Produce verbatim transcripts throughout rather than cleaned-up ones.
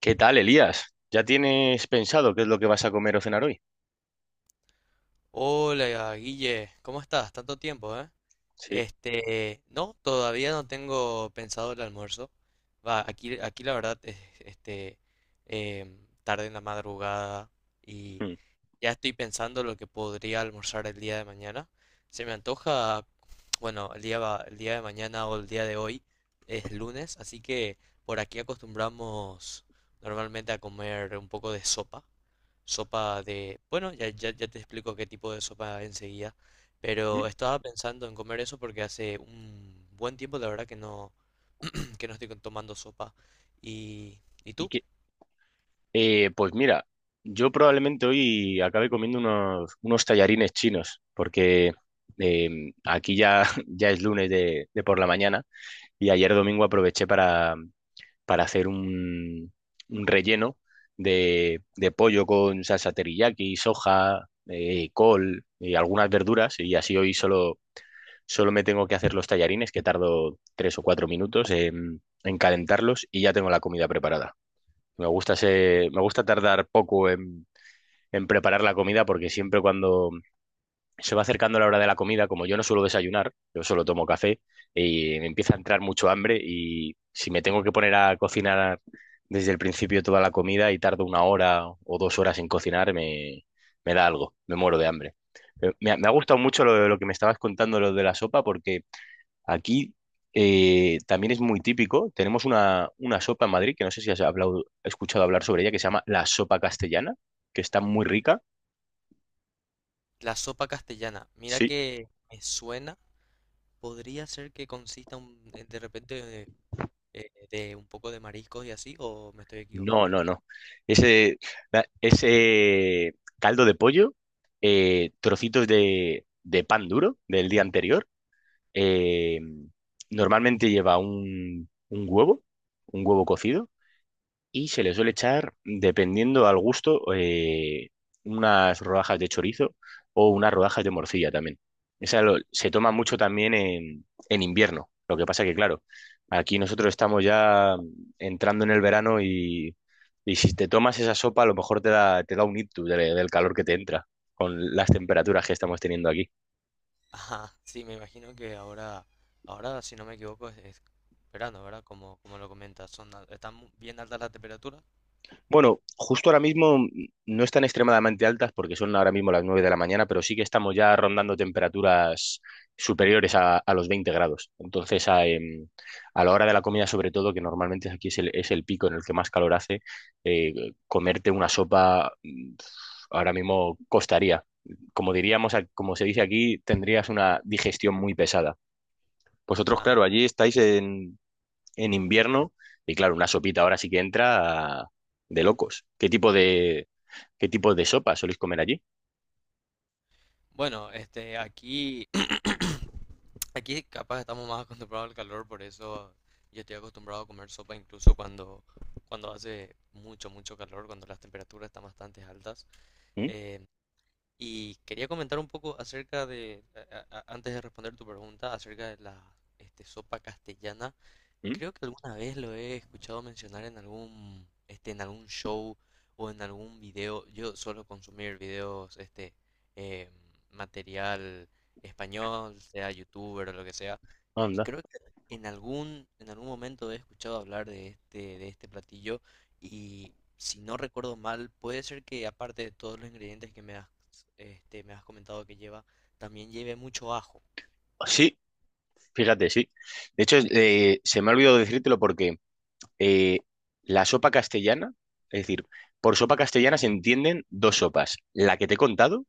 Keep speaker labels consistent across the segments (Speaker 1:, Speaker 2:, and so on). Speaker 1: ¿Qué tal, Elías? ¿Ya tienes pensado qué es lo que vas a comer o cenar hoy?
Speaker 2: Hola, Guille, ¿cómo estás? Tanto tiempo, ¿eh?
Speaker 1: Sí.
Speaker 2: Este, no, todavía no tengo pensado el almuerzo. Va, aquí, aquí la verdad es, este, em, tarde en la madrugada y
Speaker 1: Mm,
Speaker 2: ya estoy pensando lo que podría almorzar el día de mañana. Se me antoja, bueno, el día, va- el día de mañana o el día de hoy es lunes, así que por aquí acostumbramos normalmente a comer un poco de sopa. Sopa de... Bueno, ya, ya, ya te explico qué tipo de sopa enseguida,
Speaker 1: mm.
Speaker 2: pero estaba pensando en comer eso porque hace un buen tiempo, la verdad, que no, que no estoy con- tomando sopa. ¿Y, ¿y
Speaker 1: ¿Y
Speaker 2: tú?
Speaker 1: qué? Eh, pues mira, yo probablemente hoy acabe comiendo unos, unos tallarines chinos, porque eh, aquí ya, ya es lunes de, de por la mañana y ayer domingo aproveché para, para hacer un, un relleno de, de pollo con salsa teriyaki, soja, eh, col y algunas verduras, y así hoy solo Solo me tengo que hacer los tallarines, que tardo tres o cuatro minutos en, en calentarlos y ya tengo la comida preparada. Me gusta, ese- me gusta tardar poco en, en preparar la comida porque siempre, cuando se va acercando la hora de la comida, como yo no suelo desayunar, yo solo tomo café y me empieza a entrar mucho hambre, y si me tengo que poner a cocinar desde el principio toda la comida y tardo una hora o dos horas en cocinar, me, me da algo, me muero de hambre. Pero Me, ha me ha gustado mucho lo, lo que me estabas contando, lo de la sopa, porque Aquí eh, también es muy típico. Tenemos una, una sopa en Madrid, que no sé si has hablado- escuchado hablar sobre ella, que se llama la sopa castellana, que está muy rica.
Speaker 2: La sopa castellana. Mira
Speaker 1: Sí.
Speaker 2: que me suena, podría ser que consista un- eh, de repente eh, de un poco de mariscos y así, o me estoy
Speaker 1: No,
Speaker 2: equivocando.
Speaker 1: no, no. Ese, la- ese caldo de pollo, eh, trocitos de, de pan duro del día anterior. eh, Normalmente lleva un, un huevo, un huevo cocido, y se le suele echar, dependiendo al gusto, eh, unas rodajas de chorizo o unas rodajas de morcilla también. Esa lo- se toma mucho también en, en invierno. Lo que pasa, que claro, aquí nosotros estamos ya entrando en el verano, y, y si te tomas esa sopa, a lo mejor te da, te da un ictus de- del calor que te entra con las temperaturas que estamos teniendo aquí.
Speaker 2: Ajá, sí, me imagino que ahora, ahora, si no me equivoco, es, es verano, ¿verdad? Como, como lo comentas, son, al- están mu- bien altas las temperaturas.
Speaker 1: Bueno, justo ahora mismo mm, no están extremadamente altas, porque son ahora mismo las nueve de la mañana, pero sí que estamos ya rondando temperaturas superiores a, a los veinte grados. Entonces, a, em, a la hora de la comida, sobre todo, que normalmente aquí es el, es el pico en el que más calor hace, eh, comerte una sopa mm, ahora mismo costaría. Como diríamos, a- como se dice aquí, tendrías una digestión muy pesada. Vosotros, claro,
Speaker 2: Ajá.
Speaker 1: allí estáis en invierno, y claro, una sopita ahora sí que entra de locos. ¿Qué tipo de, qué tipo de sopa soléis comer allí?
Speaker 2: Bueno, este, aquí, aquí capaz estamos más acostumbrados al calor, por eso yo estoy acostumbrado a comer sopa incluso cuando, cuando hace mucho, mucho calor, cuando las temperaturas están bastante altas.
Speaker 1: ¿Mm?
Speaker 2: Eh, y quería comentar un poco acerca de, a- a- antes de responder tu pregunta, acerca de la, este, sopa castellana.
Speaker 1: ¿Mm?
Speaker 2: Creo que alguna vez lo he escuchado mencionar en algún, este, en algún show o en algún video. Yo suelo consumir videos, este, eh, material español, sea youtuber o lo que sea. Y
Speaker 1: Anda.
Speaker 2: creo que en algún, en algún momento he escuchado hablar de este, de este platillo. Y si no recuerdo mal, puede ser que aparte de todos los ingredientes que me has, este, me has comentado que lleva, también lleve mucho ajo.
Speaker 1: Sí, fíjate, sí. De hecho, eh, se me ha olvidado decírtelo, porque eh, la sopa castellana, es decir, por sopa castellana se entienden dos sopas: la que te he contado,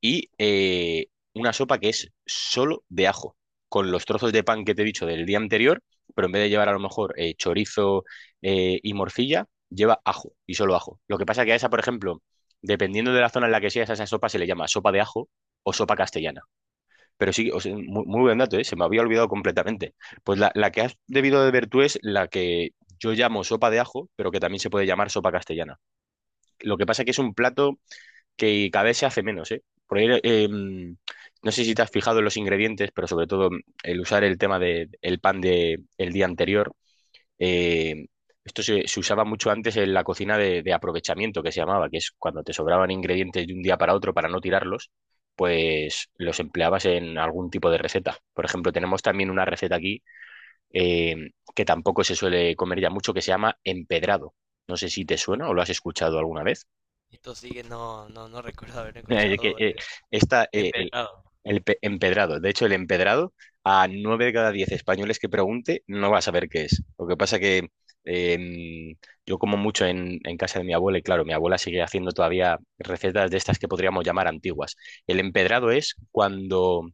Speaker 1: y eh, una sopa que es solo de ajo, con los trozos de pan que te he dicho del día anterior, pero en vez de llevar a lo mejor eh, chorizo eh, y morcilla, lleva ajo y solo ajo. Lo que pasa, que a esa, por ejemplo, dependiendo de la zona en la que seas, a esa sopa se le llama sopa de ajo o sopa castellana. Pero sí, o sea, muy, muy buen dato, ¿eh? Se me había olvidado completamente. Pues la, la que has debido de ver tú es la que yo llamo sopa de ajo, pero que también se puede llamar sopa castellana. Lo que pasa, que es un plato que cada vez se hace menos, ¿eh? Porque, eh, no sé si te has fijado en los ingredientes, pero sobre todo mm, el usar el tema del pan de, el día anterior. eh, Esto se, se usaba mucho antes en la cocina de, de aprovechamiento, que se llamaba, que es cuando te sobraban ingredientes de un día para otro para no tirarlos, pues los empleabas en algún tipo de receta. Por ejemplo, tenemos también una receta aquí eh, que tampoco se suele comer ya mucho, que se llama empedrado. No sé si te suena o lo has escuchado alguna vez.
Speaker 2: Esto sí que no, no, no recuerdo haber
Speaker 1: Es que,
Speaker 2: escuchado,
Speaker 1: eh,
Speaker 2: eh,
Speaker 1: esta,
Speaker 2: he
Speaker 1: eh, el-
Speaker 2: empezado.
Speaker 1: El pe- empedrado. De hecho, el empedrado, a nueve de cada diez españoles que pregunte, no va a saber qué es. Lo que pasa, que em, yo como mucho en, en casa de mi abuela, y claro, mi abuela sigue haciendo todavía recetas de estas que podríamos llamar antiguas. El empedrado es cuando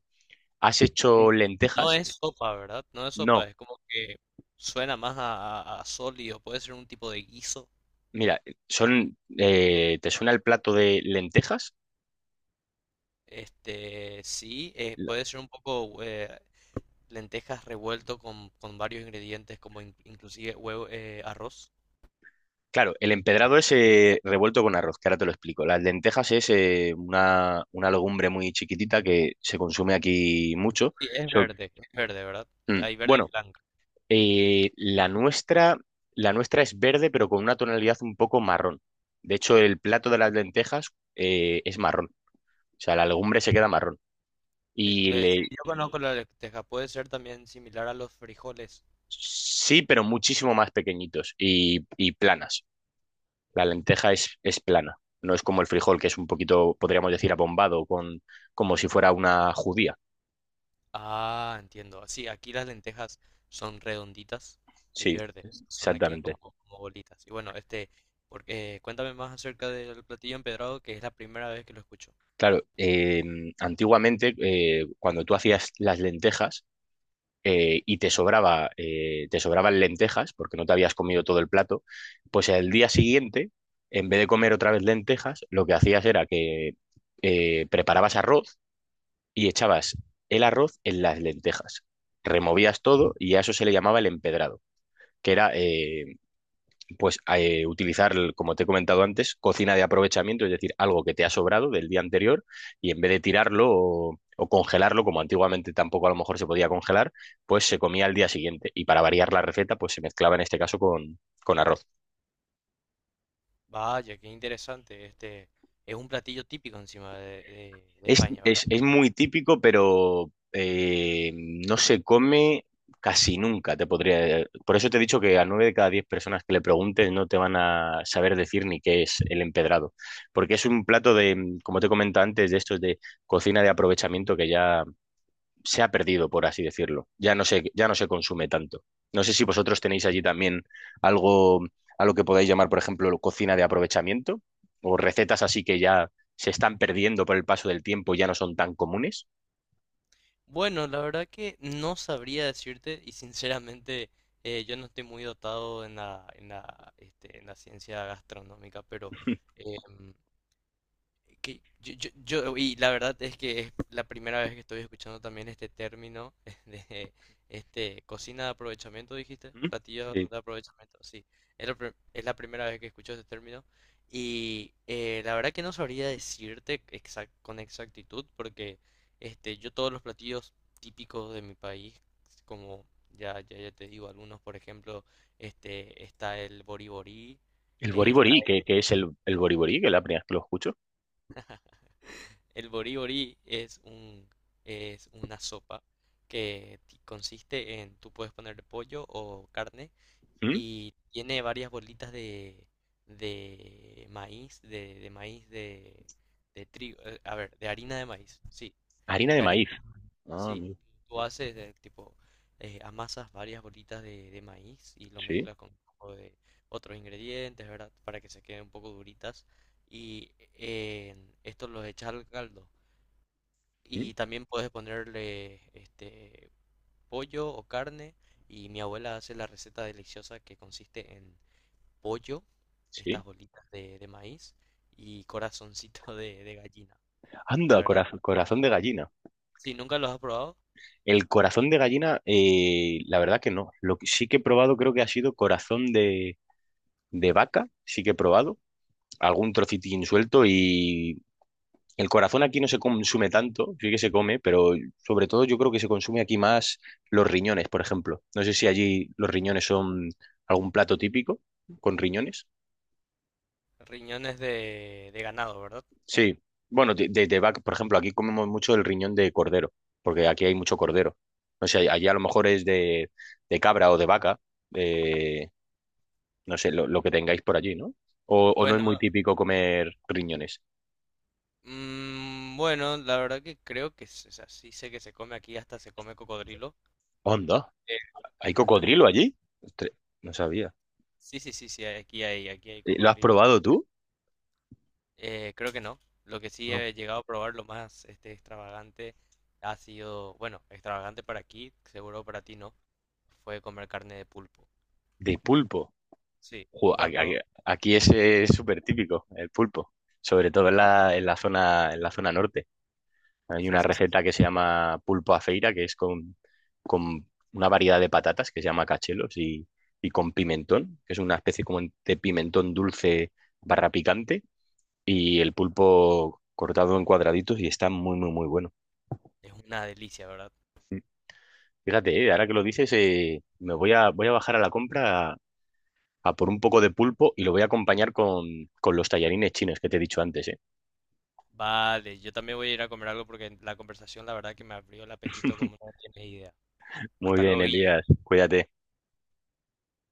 Speaker 1: has
Speaker 2: Eh,
Speaker 1: hecho
Speaker 2: No
Speaker 1: lentejas.
Speaker 2: es sopa, ¿verdad? No es sopa,
Speaker 1: No,
Speaker 2: es como que suena más a, a- a sólido, puede ser un tipo de guiso.
Speaker 1: mira, son, eh, ¿te suena el plato de lentejas?
Speaker 2: Este, sí, eh, puede ser un poco eh, lentejas revuelto con, con varios ingredientes, como in- inclusive huevo, eh, arroz.
Speaker 1: Claro, el empedrado es, eh, revuelto con arroz, que ahora te lo explico. Las lentejas es, eh, una, una legumbre muy chiquitita que se consume aquí mucho.
Speaker 2: Sí, es
Speaker 1: So-
Speaker 2: verde, es verde, ¿verdad?
Speaker 1: mm,
Speaker 2: Hay verde y
Speaker 1: bueno,
Speaker 2: blanca.
Speaker 1: eh, la nuestra, la nuestra es verde, pero con una tonalidad un poco marrón. De hecho, el plato de las lentejas, eh, es marrón. O sea, la legumbre se queda marrón.
Speaker 2: Es-
Speaker 1: Y
Speaker 2: eh, sí,
Speaker 1: le,
Speaker 2: yo conozco la lenteja, puede ser también similar a los frijoles.
Speaker 1: sí, pero muchísimo más pequeñitos y, y planas. La lenteja es, es plana, no es como el frijol, que es un poquito, podríamos decir, abombado, con, como si fuera una judía.
Speaker 2: Ah, entiendo. Sí, aquí las lentejas son redonditas y
Speaker 1: Sí,
Speaker 2: verdes. Son aquí como,
Speaker 1: exactamente.
Speaker 2: como bolitas. Y bueno, este, porque, eh, cuéntame más acerca del platillo empedrado, que es la primera vez que lo escucho.
Speaker 1: Claro, eh, antiguamente, eh, cuando tú hacías las lentejas, eh, y te sobraba, eh, te sobraban lentejas, porque no te habías comido todo el plato, pues al día siguiente, en vez de comer otra vez lentejas, lo que hacías era que eh, preparabas arroz y echabas el arroz en las lentejas. Removías todo y a eso se le llamaba el empedrado. Que era, eh, pues eh, utilizar, el- como te he comentado antes, cocina de aprovechamiento, es decir, algo que te ha sobrado del día anterior, y en vez de tirarlo o, o congelarlo, como antiguamente tampoco a lo mejor se podía congelar, pues se comía al día siguiente, y para variar la receta, pues se mezclaba en este caso con, con arroz.
Speaker 2: Vaya, qué interesante. Este, es un platillo típico encima de, de- de
Speaker 1: Es,
Speaker 2: España, ¿verdad?
Speaker 1: es- es muy típico, pero eh, no se come casi nunca, te podría. Por eso te he dicho que a nueve de cada diez personas que le preguntes no te van a saber decir ni qué es el empedrado. Porque es un plato de, como te comentaba antes, de estos de cocina de aprovechamiento, que ya se ha perdido, por así decirlo. Ya no se, ya no se consume tanto. No sé si vosotros tenéis allí también algo a lo que podáis llamar, por ejemplo, cocina de aprovechamiento, o recetas así que ya se están perdiendo por el paso del tiempo, ya no son tan comunes.
Speaker 2: Bueno, la verdad que no sabría decirte y sinceramente eh, yo no estoy muy dotado en la, en la, este, en la ciencia gastronómica, pero... em, que yo, yo, yo- y la verdad es que es la primera vez que estoy escuchando también este término de este cocina de aprovechamiento, dijiste,
Speaker 1: ¿Mm?
Speaker 2: platillo
Speaker 1: Sí.
Speaker 2: de aprovechamiento, sí, es la, pri- es la primera vez que escucho este término y eh, la verdad que no sabría decirte exact- con exactitud porque este yo todos los platillos típicos de mi país, como ya ya, ya te digo algunos, por ejemplo, este está el boriborí,
Speaker 1: El
Speaker 2: eh, está
Speaker 1: boriborí, ¿qué, qué es el, el boriborí? Que es la primera vez que lo escucho.
Speaker 2: El boriborí es un, es una sopa que ti- consiste en, tú puedes ponerle pollo o carne
Speaker 1: ¿Mm?
Speaker 2: y tiene varias bolitas de, de maíz, de, de maíz de, de trigo, eh, a ver, de harina de maíz, sí,
Speaker 1: Harina de
Speaker 2: de
Speaker 1: maíz.
Speaker 2: harina,
Speaker 1: Ah,
Speaker 2: sí.
Speaker 1: amigo.
Speaker 2: Tú haces de tipo, eh, amasas varias bolitas de, de maíz y lo
Speaker 1: Sí.
Speaker 2: mezclas con un poco de otros ingredientes, ¿verdad? Para que se queden un poco duritas y eh, esto los echas al caldo.
Speaker 1: ¿Mm?
Speaker 2: Y también puedes ponerle este pollo o carne. Y mi abuela hace la receta deliciosa que consiste en pollo,
Speaker 1: Sí.
Speaker 2: estas bolitas de, de maíz y corazoncito de, de gallina. La
Speaker 1: Anda,
Speaker 2: verdad,
Speaker 1: corazón, corazón de gallina.
Speaker 2: si nunca los has probado,
Speaker 1: El corazón de gallina, eh, la verdad que no. Lo que sí que he probado creo que ha sido corazón de, de vaca, sí que he probado algún trocitín suelto, y el corazón aquí no se consume tanto, sí que se come, pero sobre todo yo creo que se consume aquí más los riñones, por ejemplo. No sé si allí los riñones son algún plato típico con riñones.
Speaker 2: riñones de, de ganado, ¿verdad?
Speaker 1: Sí, bueno, de, de, de vaca, por ejemplo, aquí comemos mucho el riñón de cordero, porque aquí hay mucho cordero. No sé, allí a lo mejor es de, de cabra o de vaca, eh, no sé, lo, lo que tengáis por allí, ¿no? O o no es
Speaker 2: Bueno,
Speaker 1: muy típico comer riñones.
Speaker 2: mm, bueno, la verdad que creo que, s- o sea, sí sé que se come aquí, hasta se come cocodrilo.
Speaker 1: Onda.
Speaker 2: Eh,
Speaker 1: ¿Hay cocodrilo allí? Ostres, no sabía.
Speaker 2: Sí, sí, sí, sí, aquí hay, aquí hay
Speaker 1: Eh, ¿Lo has
Speaker 2: cocodrilo.
Speaker 1: probado tú?
Speaker 2: Eh, creo que no. Lo que sí
Speaker 1: No.
Speaker 2: he llegado a probar lo más este, extravagante ha sido, bueno, extravagante para aquí, seguro para ti no, fue comer carne de pulpo.
Speaker 1: De pulpo.
Speaker 2: Sí,
Speaker 1: Jo, a-
Speaker 2: nunca has probado.
Speaker 1: a- aquí ese es súper típico, el pulpo. Sobre todo en la, en la zona, en la zona norte. Hay
Speaker 2: Sí,
Speaker 1: una
Speaker 2: sí, sí.
Speaker 1: receta que se llama pulpo a feira, que es con, con una variedad de patatas que se llama cachelos, y, y con pimentón, que es una especie como de pimentón dulce barra picante, y el pulpo cortado en cuadraditos, y está muy, muy, muy bueno.
Speaker 2: Es una delicia, ¿verdad?
Speaker 1: Fíjate, eh, ahora que lo dices, eh, me voy a, voy a bajar a la compra a, a por un poco de pulpo, y lo voy a acompañar con, con los tallarines chinos que te he dicho antes, eh.
Speaker 2: Vale, yo también voy a ir a comer algo porque la conversación, la verdad, que me abrió el apetito como no tienes idea.
Speaker 1: Muy
Speaker 2: Hasta
Speaker 1: bien,
Speaker 2: luego, Guille.
Speaker 1: Elías, cuídate.